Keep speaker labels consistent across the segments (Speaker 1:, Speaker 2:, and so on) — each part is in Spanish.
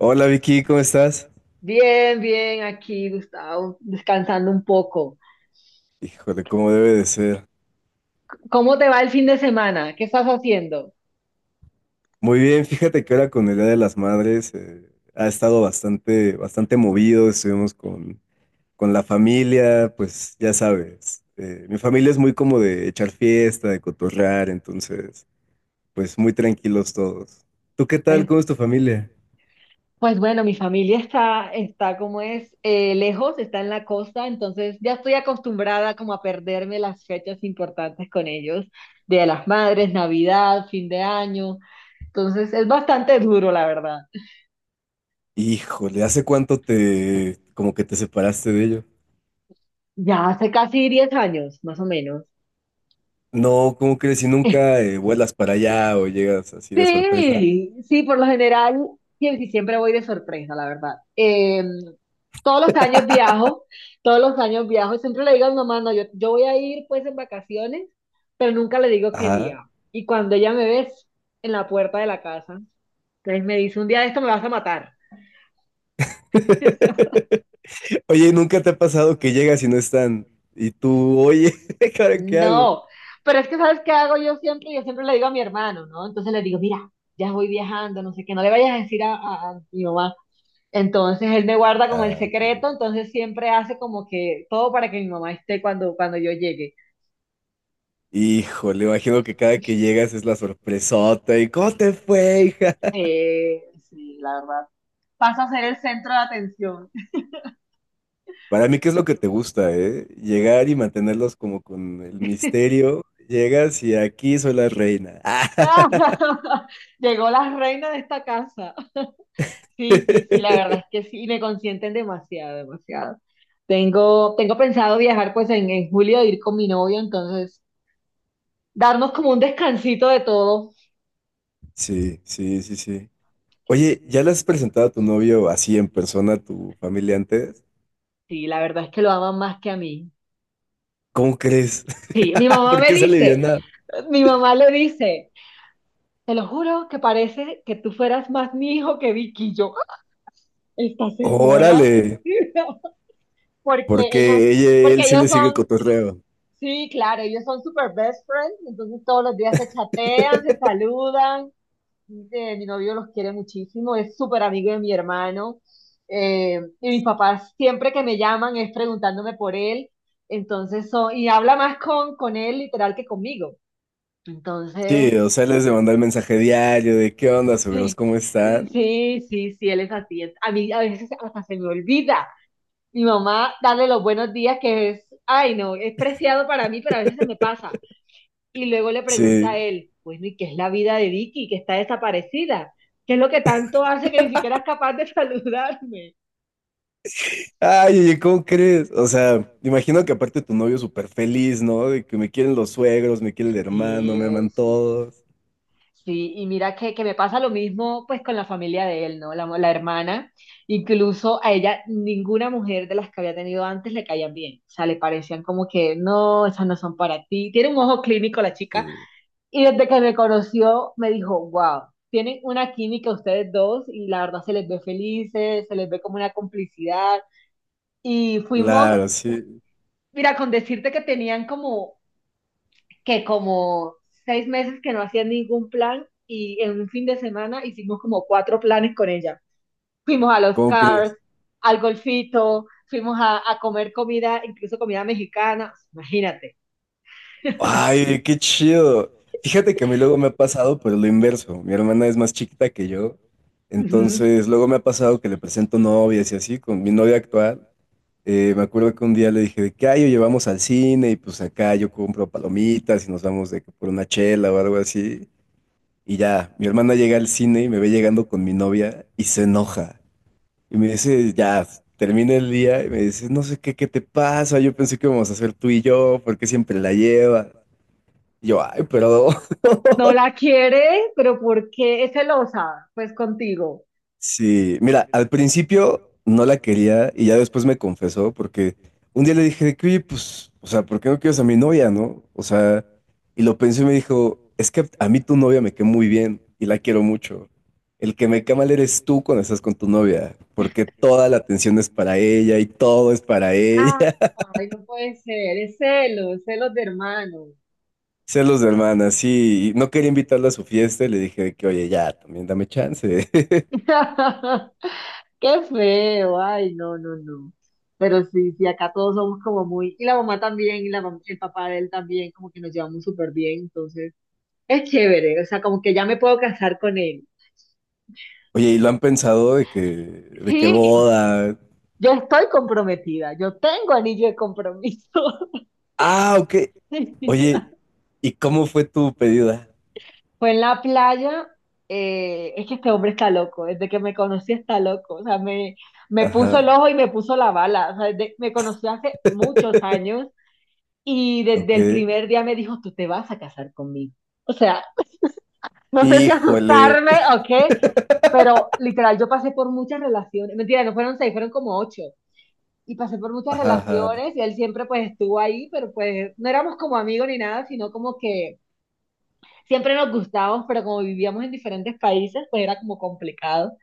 Speaker 1: Hola Vicky, ¿cómo estás?
Speaker 2: Bien, bien, aquí Gustavo, descansando un poco.
Speaker 1: Híjole, ¿cómo debe de ser?
Speaker 2: ¿Cómo te va el fin de semana? ¿Qué estás haciendo?
Speaker 1: Muy bien, fíjate que ahora con el Día de las Madres ha estado bastante movido, estuvimos con la familia, pues ya sabes, mi familia es muy como de echar fiesta, de cotorrear, entonces, pues muy tranquilos todos. ¿Tú qué tal? ¿Cómo
Speaker 2: Ven.
Speaker 1: es tu familia?
Speaker 2: Pues bueno, mi familia está como es, lejos, está en la costa, entonces ya estoy acostumbrada como a perderme las fechas importantes con ellos, Día de las Madres, Navidad, fin de año. Entonces es bastante duro, la verdad.
Speaker 1: Híjole, ¿hace cuánto te, como que te separaste de ellos?
Speaker 2: Ya hace casi 10 años, más o menos.
Speaker 1: No, ¿cómo crees? Si nunca vuelas para allá o llegas así de sorpresa.
Speaker 2: Sí, sí, por lo general, siempre voy de sorpresa, la verdad. Todos los años viajo, todos los años viajo, y siempre le digo a mi mamá, no, yo voy a ir pues en vacaciones, pero nunca le digo qué
Speaker 1: Ajá.
Speaker 2: día. Y cuando ella me ve es en la puerta de la casa, entonces me dice, un día de esto me vas a matar.
Speaker 1: Oye, ¿nunca te ha pasado que llegas y no están? Y tú, oye, ¿ahora qué hago?
Speaker 2: No, pero es que ¿sabes qué hago yo siempre? Yo siempre le digo a mi hermano, ¿no? Entonces le digo, mira, ya voy viajando, no sé qué, no le vayas a decir a mi mamá. Entonces él me guarda como el
Speaker 1: Ah, ok.
Speaker 2: secreto, entonces siempre hace como que todo para que mi mamá esté cuando yo llegue.
Speaker 1: Híjole, imagino que cada que llegas es la sorpresota y ¿cómo te fue, hija?
Speaker 2: Eh, sí, la verdad. Paso a ser el centro de atención.
Speaker 1: Para mí, ¿qué es lo que te gusta, eh? Llegar y mantenerlos como con el misterio. Llegas y aquí soy la reina.
Speaker 2: Llegó la reina de esta casa. Sí, sí, sí, la verdad es que sí, me consienten demasiado, demasiado. Tengo pensado viajar pues en julio, ir con mi novio, entonces darnos como un descansito de todo.
Speaker 1: Sí, sí, sí, sí. Oye, ¿ya le has presentado a tu novio así en persona a tu familia antes?
Speaker 2: Sí, la verdad es que lo aman más que a mí.
Speaker 1: ¿Cómo crees?
Speaker 2: Sí, mi mamá
Speaker 1: ¿Por
Speaker 2: me
Speaker 1: qué se
Speaker 2: dice,
Speaker 1: aliviana?
Speaker 2: mi mamá le dice. Te lo juro que parece que tú fueras más mi hijo que Vicky. Y yo, ¡ah! Esta señora.
Speaker 1: Órale.
Speaker 2: Porque ellos,
Speaker 1: Porque ella, él
Speaker 2: porque
Speaker 1: sí le
Speaker 2: ellos
Speaker 1: sigue el
Speaker 2: son,
Speaker 1: cotorreo.
Speaker 2: sí, claro, ellos son super best friends, entonces todos los días se chatean, se saludan. Mi novio los quiere muchísimo, es súper amigo de mi hermano. Y mis papás siempre que me llaman es preguntándome por él, entonces son, y habla más con él literal que conmigo.
Speaker 1: Sí,
Speaker 2: Entonces,
Speaker 1: o sea, les de mandar el mensaje diario de qué onda, suegros,
Speaker 2: sí,
Speaker 1: ¿cómo están?
Speaker 2: sí, sí, sí, él es así. A mí a veces hasta se me olvida. Mi mamá, darle los buenos días, que es, ay, no, es preciado para mí, pero a veces se me pasa. Y luego le pregunta a
Speaker 1: Sí.
Speaker 2: él, bueno, ¿y qué es la vida de Vicky, que está desaparecida? ¿Qué es lo que tanto hace que ni siquiera es capaz de saludarme?
Speaker 1: Ay, oye, ¿cómo crees? O sea, imagino que aparte tu novio súper feliz, ¿no? De que me quieren los suegros, me quiere el hermano,
Speaker 2: Sí,
Speaker 1: me aman
Speaker 2: sí,
Speaker 1: todos.
Speaker 2: sí, y mira que me pasa lo mismo pues con la familia de él, ¿no? La hermana, incluso a ella ninguna mujer de las que había tenido antes le caían bien, o sea, le parecían como que no, esas no son para ti, tiene un ojo clínico la chica,
Speaker 1: Sí.
Speaker 2: y desde que me conoció me dijo, wow, tienen una química ustedes dos y la verdad se les ve felices, se les ve como una complicidad, y fuimos,
Speaker 1: Claro, sí.
Speaker 2: mira, con decirte que tenían como seis meses que no hacía ningún plan y en un fin de semana hicimos como cuatro planes con ella. Fuimos a los
Speaker 1: ¿Cómo
Speaker 2: cars,
Speaker 1: crees?
Speaker 2: al golfito, fuimos a comer comida, incluso comida mexicana, imagínate.
Speaker 1: Ay, qué chido. Fíjate que a mí luego me ha pasado, pero lo inverso. Mi hermana es más chiquita que yo.
Speaker 2: Ujú.
Speaker 1: Entonces, luego me ha pasado que le presento novias y así, con mi novia actual. Me acuerdo que un día le dije de que, ay, oye, vamos al cine y pues acá yo compro palomitas y nos vamos de que por una chela o algo así. Y ya, mi hermana llega al cine y me ve llegando con mi novia y se enoja. Y me dice, ya, termina el día y me dice, no sé qué, qué te pasa, yo pensé que íbamos a hacer tú y yo, ¿por qué siempre la llevas? Yo, ay, pero
Speaker 2: No la quiere, pero ¿por qué es celosa? Pues contigo.
Speaker 1: sí, mira, al principio no la quería y ya después me confesó porque un día le dije de que, oye, pues, o sea, ¿por qué no quieres a mi novia, no? O sea, y lo pensé y me dijo, es que a mí tu novia me cae muy bien y la quiero mucho. El que me cae mal eres tú cuando estás con tu novia, porque toda la atención es para ella y todo es para
Speaker 2: Ah,
Speaker 1: ella.
Speaker 2: ay, no puede ser, es celos, celos de hermano.
Speaker 1: Celos de hermana, sí. Y no quería invitarla a su fiesta y le dije de que, oye, ya, también dame chance.
Speaker 2: Qué feo, ay, no, no, no. Pero sí, sí, acá todos somos como muy, y la mamá también, y la el papá de él también, como que nos llevamos súper bien, entonces es chévere, o sea, como que ya me puedo casar con él.
Speaker 1: Oye, ¿y lo han pensado de que
Speaker 2: Sí,
Speaker 1: boda?
Speaker 2: yo estoy comprometida, yo tengo anillo de compromiso.
Speaker 1: Ah, ok. Oye, ¿y cómo fue tu pedida?
Speaker 2: Fue en la playa. Es que este hombre está loco, desde que me conocí está loco, o sea, me puso el
Speaker 1: Ajá,
Speaker 2: ojo y me puso la bala, o sea, me conoció hace muchos años. Y
Speaker 1: ok.
Speaker 2: desde el primer día me dijo, tú te vas a casar conmigo. O sea, no sé si
Speaker 1: Híjole.
Speaker 2: asustarme o qué, pero literal, yo pasé por muchas relaciones. Mentira, no fueron seis, fueron como ocho. Y pasé por muchas
Speaker 1: Ajá, ajá,
Speaker 2: relaciones y él siempre pues estuvo ahí, pero pues no éramos como amigos ni nada, sino como que siempre nos gustábamos, pero como vivíamos en diferentes países, pues era como complicado.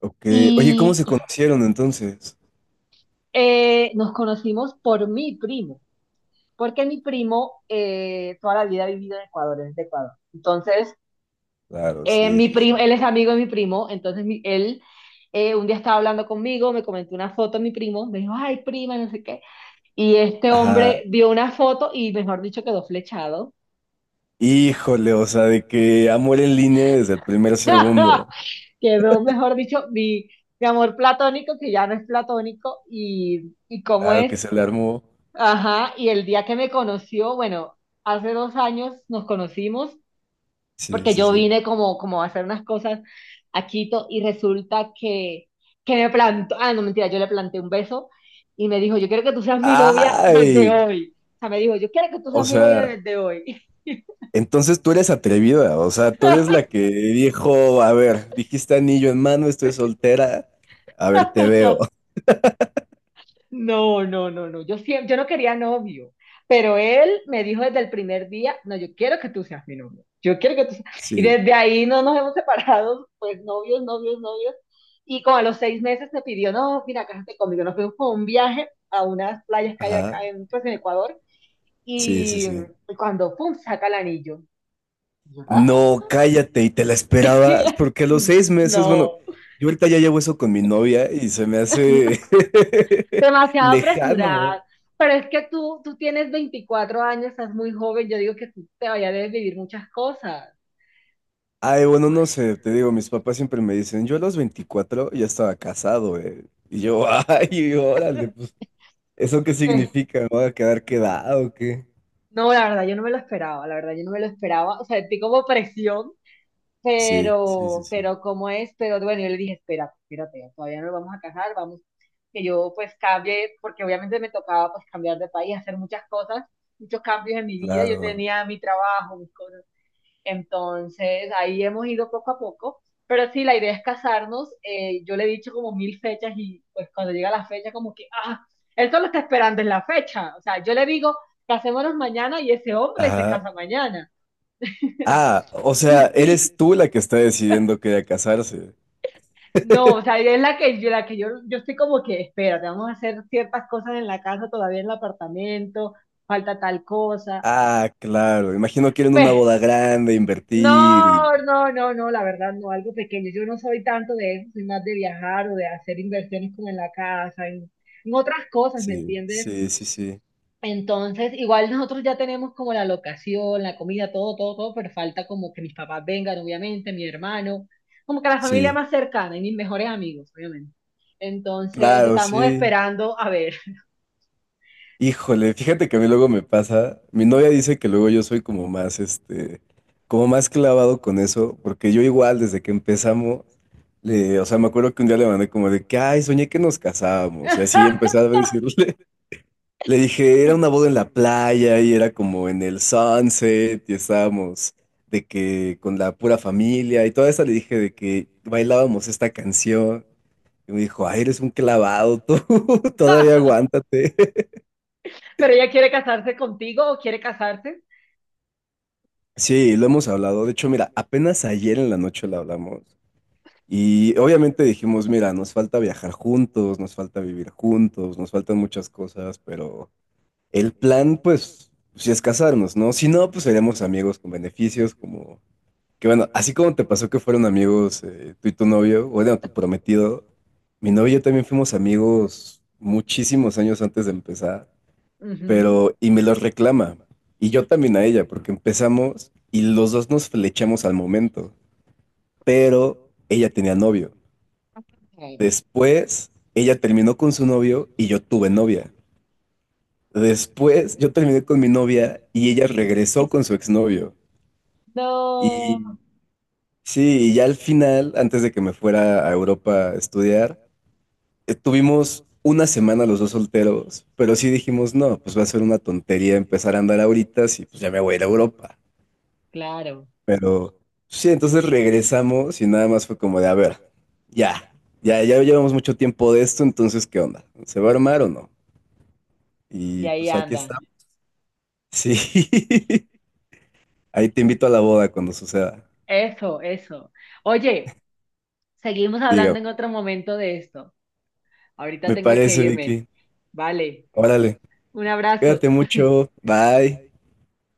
Speaker 1: ok. Oye, ¿cómo
Speaker 2: Y
Speaker 1: se conocieron entonces?
Speaker 2: nos conocimos por mi primo, porque mi primo toda la vida ha vivido en Ecuador, es de Ecuador. Entonces,
Speaker 1: Claro, sí,
Speaker 2: Mi
Speaker 1: sí,
Speaker 2: primo,
Speaker 1: sí.
Speaker 2: él es amigo de mi primo, entonces él un día estaba hablando conmigo, me comentó una foto de mi primo, me dijo, ay, prima, no sé qué. Y este hombre
Speaker 1: Ajá.
Speaker 2: vio una foto y, mejor dicho, quedó flechado.
Speaker 1: Híjole, o sea, de que amor en línea desde el primer segundo.
Speaker 2: Quedó, mejor dicho, mi amor platónico, que ya no es platónico, y cómo
Speaker 1: Claro
Speaker 2: es.
Speaker 1: que se le armó.
Speaker 2: Ajá, y el día que me conoció, bueno, hace 2 años nos conocimos
Speaker 1: Sí,
Speaker 2: porque
Speaker 1: sí,
Speaker 2: yo
Speaker 1: sí.
Speaker 2: vine como, como a hacer unas cosas a Quito y resulta que me plantó, ah, no mentira, yo le planté un beso y me dijo, yo quiero que tú seas mi novia desde
Speaker 1: Ay,
Speaker 2: hoy. O sea, me dijo, yo quiero que tú
Speaker 1: o
Speaker 2: seas mi novia
Speaker 1: sea,
Speaker 2: desde hoy.
Speaker 1: entonces tú eres atrevida, o sea, tú eres la que dijo, a ver, dijiste anillo en mano, estoy soltera, a ver, te veo.
Speaker 2: No, no, no, no. Yo siempre, yo no quería novio, pero él me dijo desde el primer día, no, yo quiero que tú seas mi novio. Yo quiero que tú seas. Y
Speaker 1: Sí.
Speaker 2: desde ahí no nos hemos separado, pues novios, novios, novios. Y como a los 6 meses me pidió, no, mira, cásate conmigo. Nos fuimos por un viaje a unas playas que hay
Speaker 1: Ajá,
Speaker 2: acá en, pues, en Ecuador.
Speaker 1: sí, sí, sí.
Speaker 2: Y cuando, pum, saca el anillo.
Speaker 1: No, cállate, y te la esperabas, porque a los 6 meses, bueno,
Speaker 2: No,
Speaker 1: yo ahorita ya llevo eso con mi novia y se me hace
Speaker 2: demasiado
Speaker 1: lejano.
Speaker 2: apresurada. Pero es que tú tienes 24 años, estás muy joven, yo digo que tú te vayas a vivir muchas cosas.
Speaker 1: Ay, bueno, no sé, te digo, mis papás siempre me dicen, yo a los 24 ya estaba casado, eh. Y yo, ay, órale, pues, ¿eso qué
Speaker 2: Eh,
Speaker 1: significa? ¿Me voy a quedar quedado o qué?
Speaker 2: no, la verdad, yo no me lo esperaba, la verdad, yo no me lo esperaba, o sea, sentí como presión,
Speaker 1: Sí, sí, sí, sí,
Speaker 2: pero ¿cómo es? Pero bueno, yo le dije, espérate, espérate, todavía no nos vamos a casar, vamos, que yo pues cambie, porque obviamente me tocaba pues cambiar de país, hacer muchas cosas, muchos cambios en mi vida, yo
Speaker 1: claro.
Speaker 2: tenía mi trabajo, mis cosas. Entonces, ahí hemos ido poco a poco, pero sí, la idea es casarnos. Yo le he dicho como mil fechas y pues cuando llega la fecha como que, ah, él solo está esperando en la fecha. O sea, yo le digo, casémonos mañana y ese hombre se
Speaker 1: Ajá.
Speaker 2: casa mañana.
Speaker 1: Ah, o sea, eres tú la que está decidiendo que ya casarse.
Speaker 2: No, o sea, es la que yo, yo estoy como que, espérate, vamos a hacer ciertas cosas en la casa, todavía en el apartamento, falta tal cosa.
Speaker 1: Ah, claro. Imagino que era en una boda grande, invertir y...
Speaker 2: No, no, no, no, la verdad no, algo pequeño. Yo no soy tanto de eso, soy más de viajar o de hacer inversiones como en la casa, en otras cosas, ¿me
Speaker 1: Sí,
Speaker 2: entiendes?
Speaker 1: sí, sí, sí,
Speaker 2: Entonces, igual nosotros ya tenemos como la locación, la comida, todo, todo, todo, pero falta como que mis papás vengan, obviamente, mi hermano, como que la familia
Speaker 1: sí.
Speaker 2: más cercana y mis mejores amigos, obviamente. Entonces,
Speaker 1: Claro,
Speaker 2: estamos
Speaker 1: sí.
Speaker 2: esperando a ver.
Speaker 1: Híjole, fíjate que a mí luego me pasa. Mi novia dice que luego yo soy como más, este, como más clavado con eso, porque yo igual desde que empezamos, le, o sea, me acuerdo que un día le mandé como de que, ay, soñé que nos casábamos, y así empecé a decirle. Le dije, era una boda en la playa y era como en el sunset y estábamos de que con la pura familia y toda esa le dije de que bailábamos esta canción y me dijo, ay, eres un clavado tú, todavía aguántate.
Speaker 2: Pero ella quiere casarse contigo o quiere casarse.
Speaker 1: Sí, lo hemos hablado. De hecho, mira, apenas ayer en la noche lo hablamos y obviamente dijimos, mira, nos falta viajar juntos, nos falta vivir juntos, nos faltan muchas cosas, pero el plan, pues, si es casarnos, ¿no? Si no, pues seremos amigos con beneficios como. Que bueno, así como te pasó que fueron amigos tú y tu novio, bueno, tu prometido, mi novio y yo también fuimos amigos muchísimos años antes de empezar,
Speaker 2: Ujú.
Speaker 1: pero y me los reclama. Y yo también a ella, porque empezamos y los dos nos flechamos al momento, pero ella tenía novio.
Speaker 2: Ok.
Speaker 1: Después, ella terminó con su novio y yo tuve novia. Después, yo terminé con mi novia y ella
Speaker 2: Y-
Speaker 1: regresó con su exnovio.
Speaker 2: No.
Speaker 1: Y sí, y ya al final, antes de que me fuera a Europa a estudiar, tuvimos una semana los dos solteros, pero sí dijimos, no, pues va a ser una tontería empezar a andar ahorita, si pues ya me voy a ir a Europa.
Speaker 2: Claro,
Speaker 1: Pero sí, entonces regresamos y nada más fue como de, a ver, ya, ya llevamos mucho tiempo de esto, entonces, ¿qué onda? ¿Se va a armar o no?
Speaker 2: y
Speaker 1: Y
Speaker 2: ahí
Speaker 1: pues aquí
Speaker 2: andan.
Speaker 1: está. Sí, ahí te invito a la boda cuando suceda.
Speaker 2: Eso, eso. Oye, seguimos
Speaker 1: Dígame,
Speaker 2: hablando en otro momento de esto. Ahorita
Speaker 1: me
Speaker 2: tengo que
Speaker 1: parece,
Speaker 2: irme.
Speaker 1: Vicky.
Speaker 2: Vale,
Speaker 1: Órale,
Speaker 2: un abrazo.
Speaker 1: cuídate mucho, bye.